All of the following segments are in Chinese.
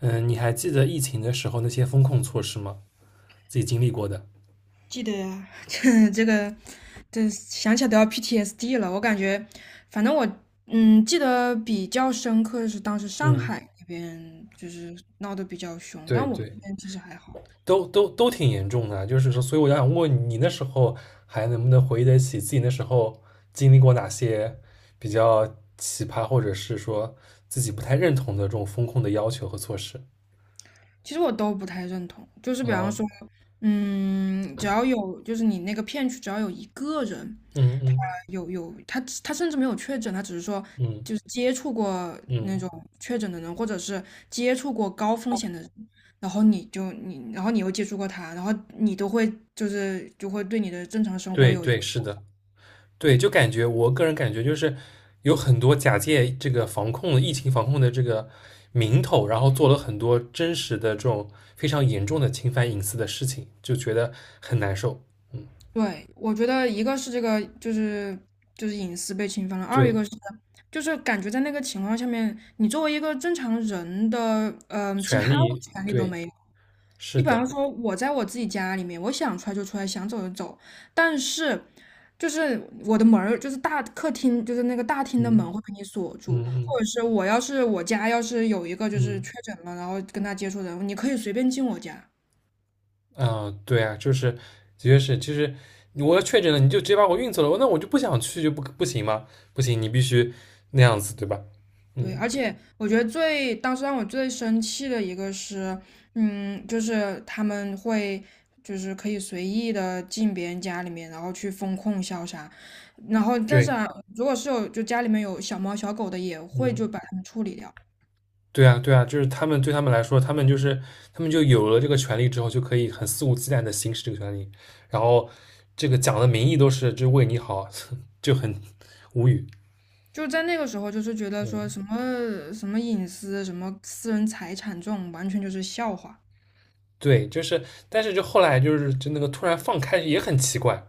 嗯，你还记得疫情的时候那些风控措施吗？自己经历过的。记得呀，这想起来都要 PTSD 了。我感觉，反正我记得比较深刻的是当时上嗯，海那边就是闹得比较凶，对但我们对，这边其实还好。都挺严重的啊，就是说，所以我想问你，那时候还能不能回忆得起自己那时候经历过哪些比较奇葩，或者是说自己不太认同的这种风控的要求和措施？其实我都不太认同，就是比方啊，说，只要有就是你那个片区只要有一个人嗯嗯有，他甚至没有确诊，他只是说嗯就是接触过那种嗯，确诊的人，或者是接触过高风险的人，然后你又接触过他，然后你都会就会对你的正常生活对有影。对，是的。对，就感觉我个人感觉就是有很多假借这个防控的疫情防控的这个名头，然后做了很多真实的这种非常严重的侵犯隐私的事情，就觉得很难受。嗯，对，我觉得一个是隐私被侵犯了，二一对，个是就是感觉在那个情况下面，你作为一个正常人的其权他的利，权利都对，没有。你是比的，方说，我在我自己家里面，我想出来就出来，想走就走。但是就是我的门儿，就是大客厅，就是那个大厅的嗯门会被你锁住，或嗯者是我要是我家要是有一个就是嗯确诊了，然后跟他接触的人，你可以随便进我家。嗯啊，对啊，就是的确是就是我要确诊了，你就直接把我运走了，那我就不想去就不行吗？不行，你必须那样子，对吧？对，嗯，而且我觉得最当时让我最生气的一个是，就是他们会就是可以随意的进别人家里面，然后去封控消杀，然后但是对，啊，如果是有就家里面有小猫小狗的，也会嗯。就把它们处理掉。对啊，对啊，就是他们对他们来说，他们就是他们就有了这个权利之后，就可以很肆无忌惮的行使这个权利，然后这个讲的名义都是就为你好，就很无语。就在那个时候，就是觉得说嗯，什么什么隐私、什么私人财产这种，完全就是笑话。对，就是，但是就后来就那个突然放开也很奇怪，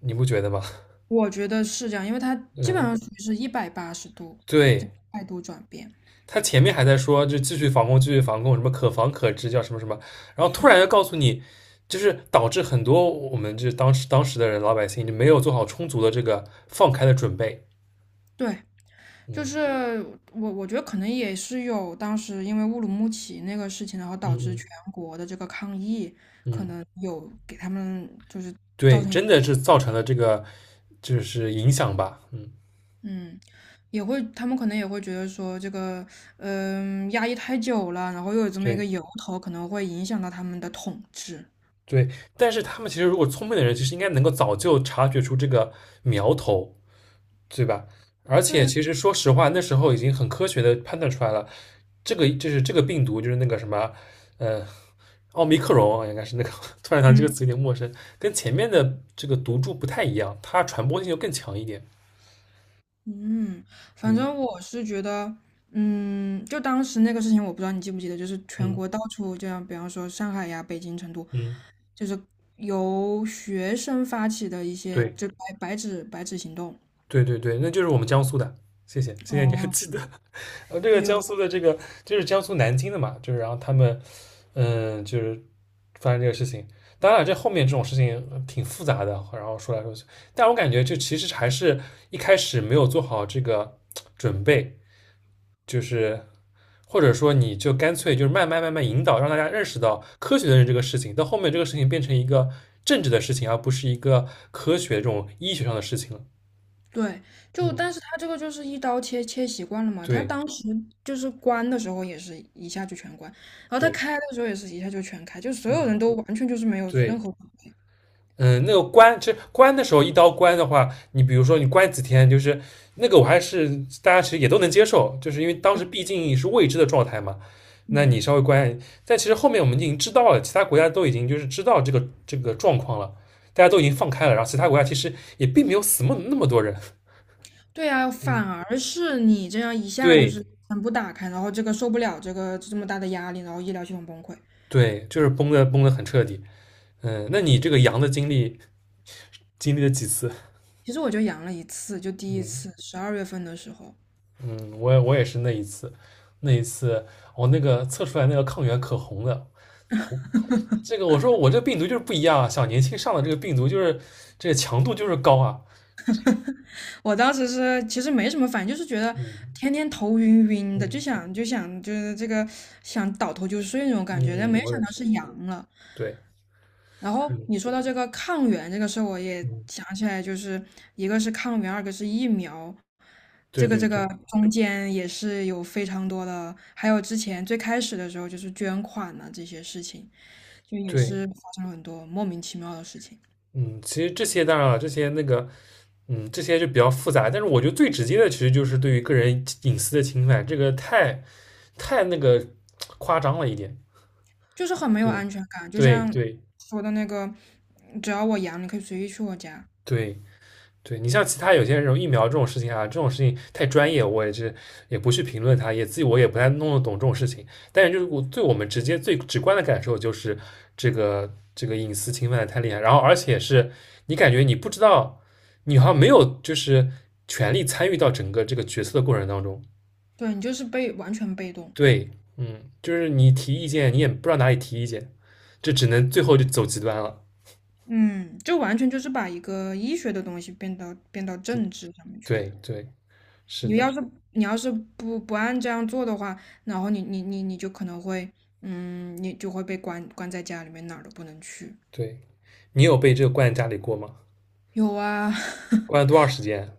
你不觉得吗？我觉得是这样，因为他基本嗯，上属于是一百八十度对，态度转变。他前面还在说就继续防控，继续防控，什么可防可治，叫什么什么，然后突然又告诉你，就是导致很多我们就是当时的人老百姓就没有做好充足的这个放开的准备。对，就嗯是我觉得可能也是有当时因为乌鲁木齐那个事情，然后嗯导致嗯全国的这个抗议，可嗯，能有给他们就是。对，真的是造成了这个就是影响吧，嗯，嗯，也会他们可能也会觉得说这个压抑太久了，然后又有这么一个对由头，可能会影响到他们的统治。对，但是他们其实如果聪明的人，其实应该能够早就察觉出这个苗头，对吧？而对且呀。其实说实话，那时候已经很科学的判断出来了，这个就是这个病毒就是那个什么，呃，奥密克戎啊应该是那个，突然想这嗯个词有点陌生，跟前面的这个毒株不太一样，它传播性就更强一点，嗯，反嗯正我是觉得，就当时那个事情，我不知道你记不记得，就是全嗯国到处，这样，比方说上海呀、北京、成都，嗯，就是由学生发起的一些，对。就白纸行动。对对对，那就是我们江苏的，谢谢你还哦，记得。这个没有江过。苏的这个就是江苏南京的嘛，就是然后他们嗯，就是发生这个事情。当然了这后面这种事情挺复杂的，然后说来说去，但我感觉这其实还是一开始没有做好这个准备，就是或者说你就干脆就是慢慢引导，让大家认识到科学的人这个事情，到后面这个事情变成一个政治的事情，而不是一个科学这种医学上的事情了。对，就嗯，但是他这个就是一刀切切习惯了嘛，他对当时就是关的时候也是一下就全关，然后他对，开的时候也是一下就全开，就所有嗯。人都完全就是没有任对，何。嗯，那个关，其实关的时候一刀关的话，你比如说你关几天，就是那个我还是大家其实也都能接受，就是因为当时毕竟是未知的状态嘛。那嗯。你稍微关，但其实后面我们已经知道了，其他国家都已经就是知道这个状况了，大家都已经放开了，然后其他国家其实也并没有死那么那么多人。对呀，嗯，反而是你这样一 下就对是全部打开，然后这个受不了这个这么大的压力，然后医疗系统崩溃。对，就是崩的很彻底。嗯，那你这个羊的经历经历了几次？其实我就阳了一次，就第一嗯。次十二月份的时候，嗯，我也是那一次，那一次我那个测出来那个抗原可红了，红，这个我说我这病毒就是不一样啊，小年轻上的这个病毒就是这个强度就是高啊，我当时是其实没什么反应，就是觉得嗯天天头晕晕的，就嗯想就想就是这个想倒头就睡那种感觉，但没嗯，我想也到是，是阳了。对，然后嗯你说到这个抗原这个事儿我也嗯，想起来，就是一个是抗原，二个是疫苗，对这个对这个对中间也是有非常多的，还有之前最开始的时候就是捐款呐、这些事情，就也对，是发生了很多莫名其妙的事情，嗯，其实这些当然了，这些那个，嗯，这些就比较复杂，但是我觉得最直接的其实就是对于个人隐私的侵犯，这个太那个夸张了一点，就是很没有对安全感。就对像对说的那个，只要我阳，你可以随意去我家，对对你像其他有些人疫苗这种事情啊，这种事情太专业，我也是也不去评论它，也自己我也不太弄得懂这种事情。但是就是我对我们直接最直观的感受就是这个隐私侵犯的太厉害，然后而且是你感觉你不知道，你好像没有就是权利参与到整个这个决策的过程当中。对你就是被完全被动，对，嗯，就是你提意见，你也不知道哪里提意见，这只能最后就走极端了。嗯，就完全就是把一个医学的东西变到这政治上面去了。对对，是你的，要是你要是不按这样做的话，然后你就可能会，嗯，你就会被关在家里面，哪儿都不能去。对，你有被这个灌在家里过吗？有啊，关了多长时间？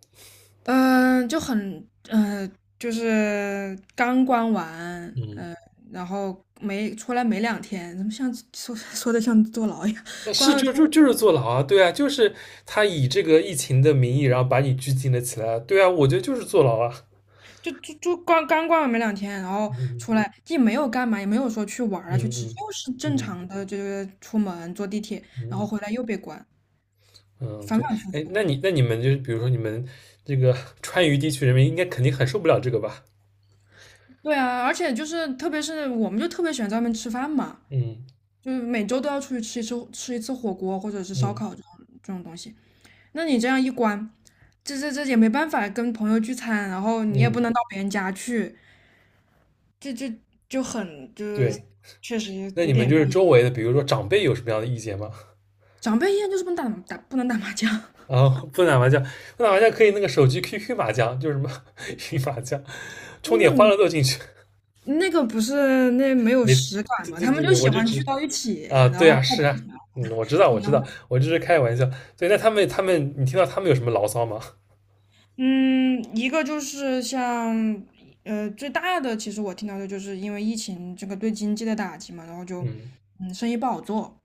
嗯、就很，嗯，就是刚关完，嗯，嗯，然后没出来没两天，怎么像说的像坐牢一样？那是关了就之后就就是坐牢啊，对啊，就是他以这个疫情的名义，然后把你拘禁了起来啊，对啊，我觉得就是坐牢啊。就就就关刚关完没两天，然后嗯出来既没有干嘛，也没有说去玩儿啊嗯去吃，就是嗯正嗯常的就是出门坐地铁，然后嗯回来又被关。嗯，反对，反复哎，复。那你那你们就是比如说你们这个 川渝地区人民应该肯定很受不了这个吧？对啊，而且就是特别是我们就特别喜欢在外面吃饭嘛，嗯就是每周都要出去吃一次吃一次火锅或者是烧嗯烤这种这种东西。那你这样一关，这也没办法跟朋友聚餐，然后你也不嗯，能到别人家去，这这就很就是对，确实那有你们点就是憋。周围的，比如说长辈有什么样的意见吗？长辈宴就是不能不能打麻将，啊，不打麻将，不打麻将可以那个手机 QQ 麻将，就是什么 云麻将，充那点欢个乐豆进去。那个不是那没有没，实感对嘛，对他们对就对，喜我就欢只聚到一起，啊，然对后啊，是泡。啊，嗯，我知道，我知道，我就是开玩笑。对，那他们他们，你听到他们有什么牢骚吗？嗯，一个就是像，呃，最大的其实我听到的就是因为疫情这个对经济的打击嘛，然后就，嗯嗯，生意不好做。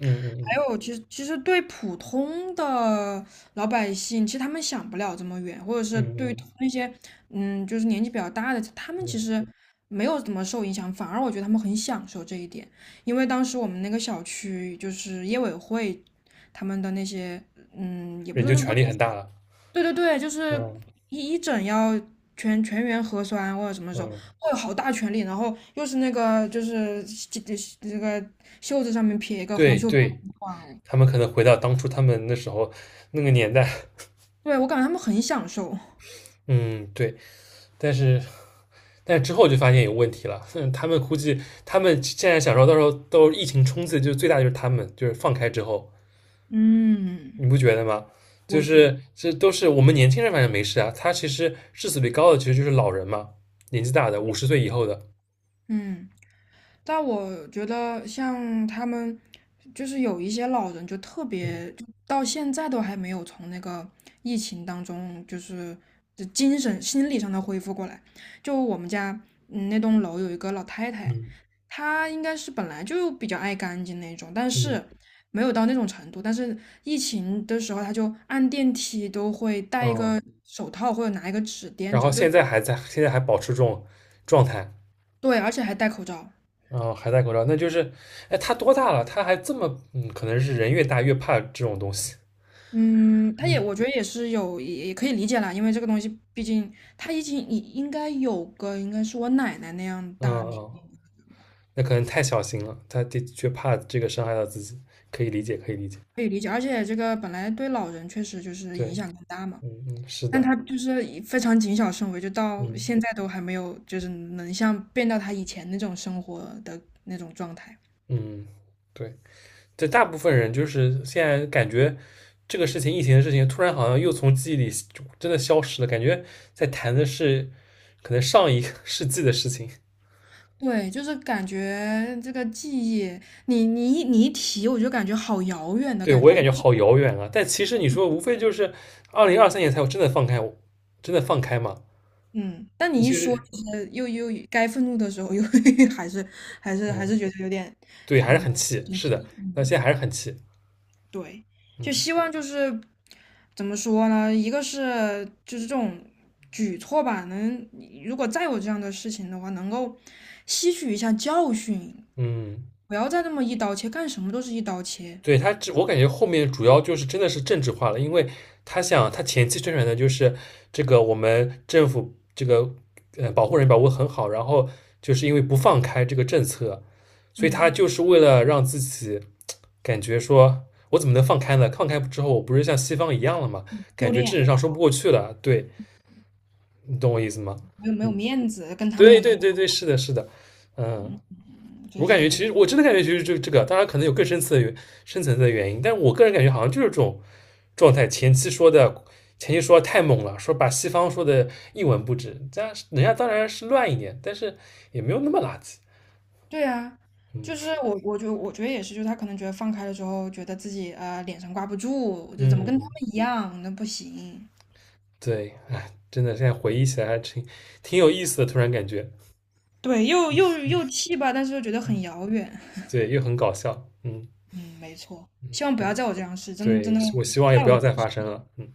嗯还嗯有，其实对普通的老百姓，其实他们想不了这么远，或者嗯是嗯对于嗯那些，嗯，就是年纪比较大的，他们嗯，其实没有怎么受影响，反而我觉得他们很享受这一点。因为当时我们那个小区就是业委会他们的那些，嗯，也不人是就那不权能。力很大了。对对对，就是嗯整要全员核酸或者什么时候，嗯，会有好大权力，然后又是那个就是这个袖子上面撇一个红对袖标，对，哇哦。他们可能回到当初他们那时候那个年代。对，我感觉他们很享受，嗯，对，但是但是之后就发现有问题了。嗯，他们估计他们现在想说，到时候疫情冲刺，就最大就是他们，就是放开之后，嗯，你不觉得吗？就我觉得，是这都是我们年轻人，反正没事啊。他其实致死率高的其实就是老人嘛，年纪大的，50岁以后的。嗯。但我觉得像他们，就是有一些老人就特嗯别，就到现在都还没有从那个疫情当中，就是就精神心理上的恢复过来。就我们家那栋楼有一个老太太，嗯她应该是本来就比较爱干净那种，但嗯，是没有到那种程度。但是疫情的时候，她就按电梯都会带一哦，个，然后就现在还在，现在还保持这种状态，对，而且还戴口罩。啊，还戴口罩，那就是，哎，他多大了？他还这么，嗯，可能是人越大越怕这种东西。嗯，他也，嗯我觉得也是有，也可以理解啦，因为这个东西，毕竟他已经应该有个，应该是我奶奶那样嗯大年嗯，龄，那可能太小心了，他的确怕这个伤害到自己，可以理解，可以理解。可以理解。而且这个本来对老人确实就是影对，响更大嘛，嗯嗯，是但的，他就是以非常谨小慎微，就到嗯现在都还没有，就是能像变到他以前那种生活的那种状态。嗯，对。对大部分人就是现在感觉这个事情，疫情的事情，突然好像又从记忆里真的消失了，感觉在谈的是可能上一个 世纪的事情。对，就是感觉这个记忆，你一提，我就感觉好遥远的对感我也觉。感觉好遥远啊！但其实你说，无非就是2023年才有真的放开，真的放开嘛？嗯，但你一其说，实，就是又该愤怒的时候，又 还是还嗯，是觉得有点，对，还是嗯，很气，是的，那现在还是很气，对，就嗯希望就是怎么说呢？一个是就是这种举措吧，能如果再有这样的事情的话，能够吸取一下教训，嗯。不要再那么一刀切，干什么都是一刀切，对他这，我感觉后面主要就是真的是政治化了，因为他想他前期宣传的就是这个我们政府这个保护人保护得很好，然后就是因为不放开这个政策，所以他嗯，就是为了让自己感觉说我怎么能放开呢？放开之后我不是像西方一样了吗？感丢觉脸政治了，上说不过去了，对你懂我意思吗？没有没有嗯，面子，跟他们对一对样，对对，是的，是的，嗯。嗯，就我感觉是。其实我真的感觉其实这这个，当然可能有更深层的深层次的原因，但我个人感觉好像就是这种状态。前期说的太猛了，说把西方说的一文不值，这样人家当然是乱一点，但是也没有那么垃圾。对啊，就是嗯我，我觉得，我觉得也是，就是他可能觉得放开了之后，觉得自己呃脸上挂不住，就怎么嗯跟他嗯，们一样，那不行。对，哎，真的现在回忆起来还挺有意思的，突然感觉对，又气吧，但是又觉得很遥远。对，又很搞笑。嗯，嗯，没错，希望不要在我这样试，真的对，真的，我希望也太不有要对再发生了。嗯。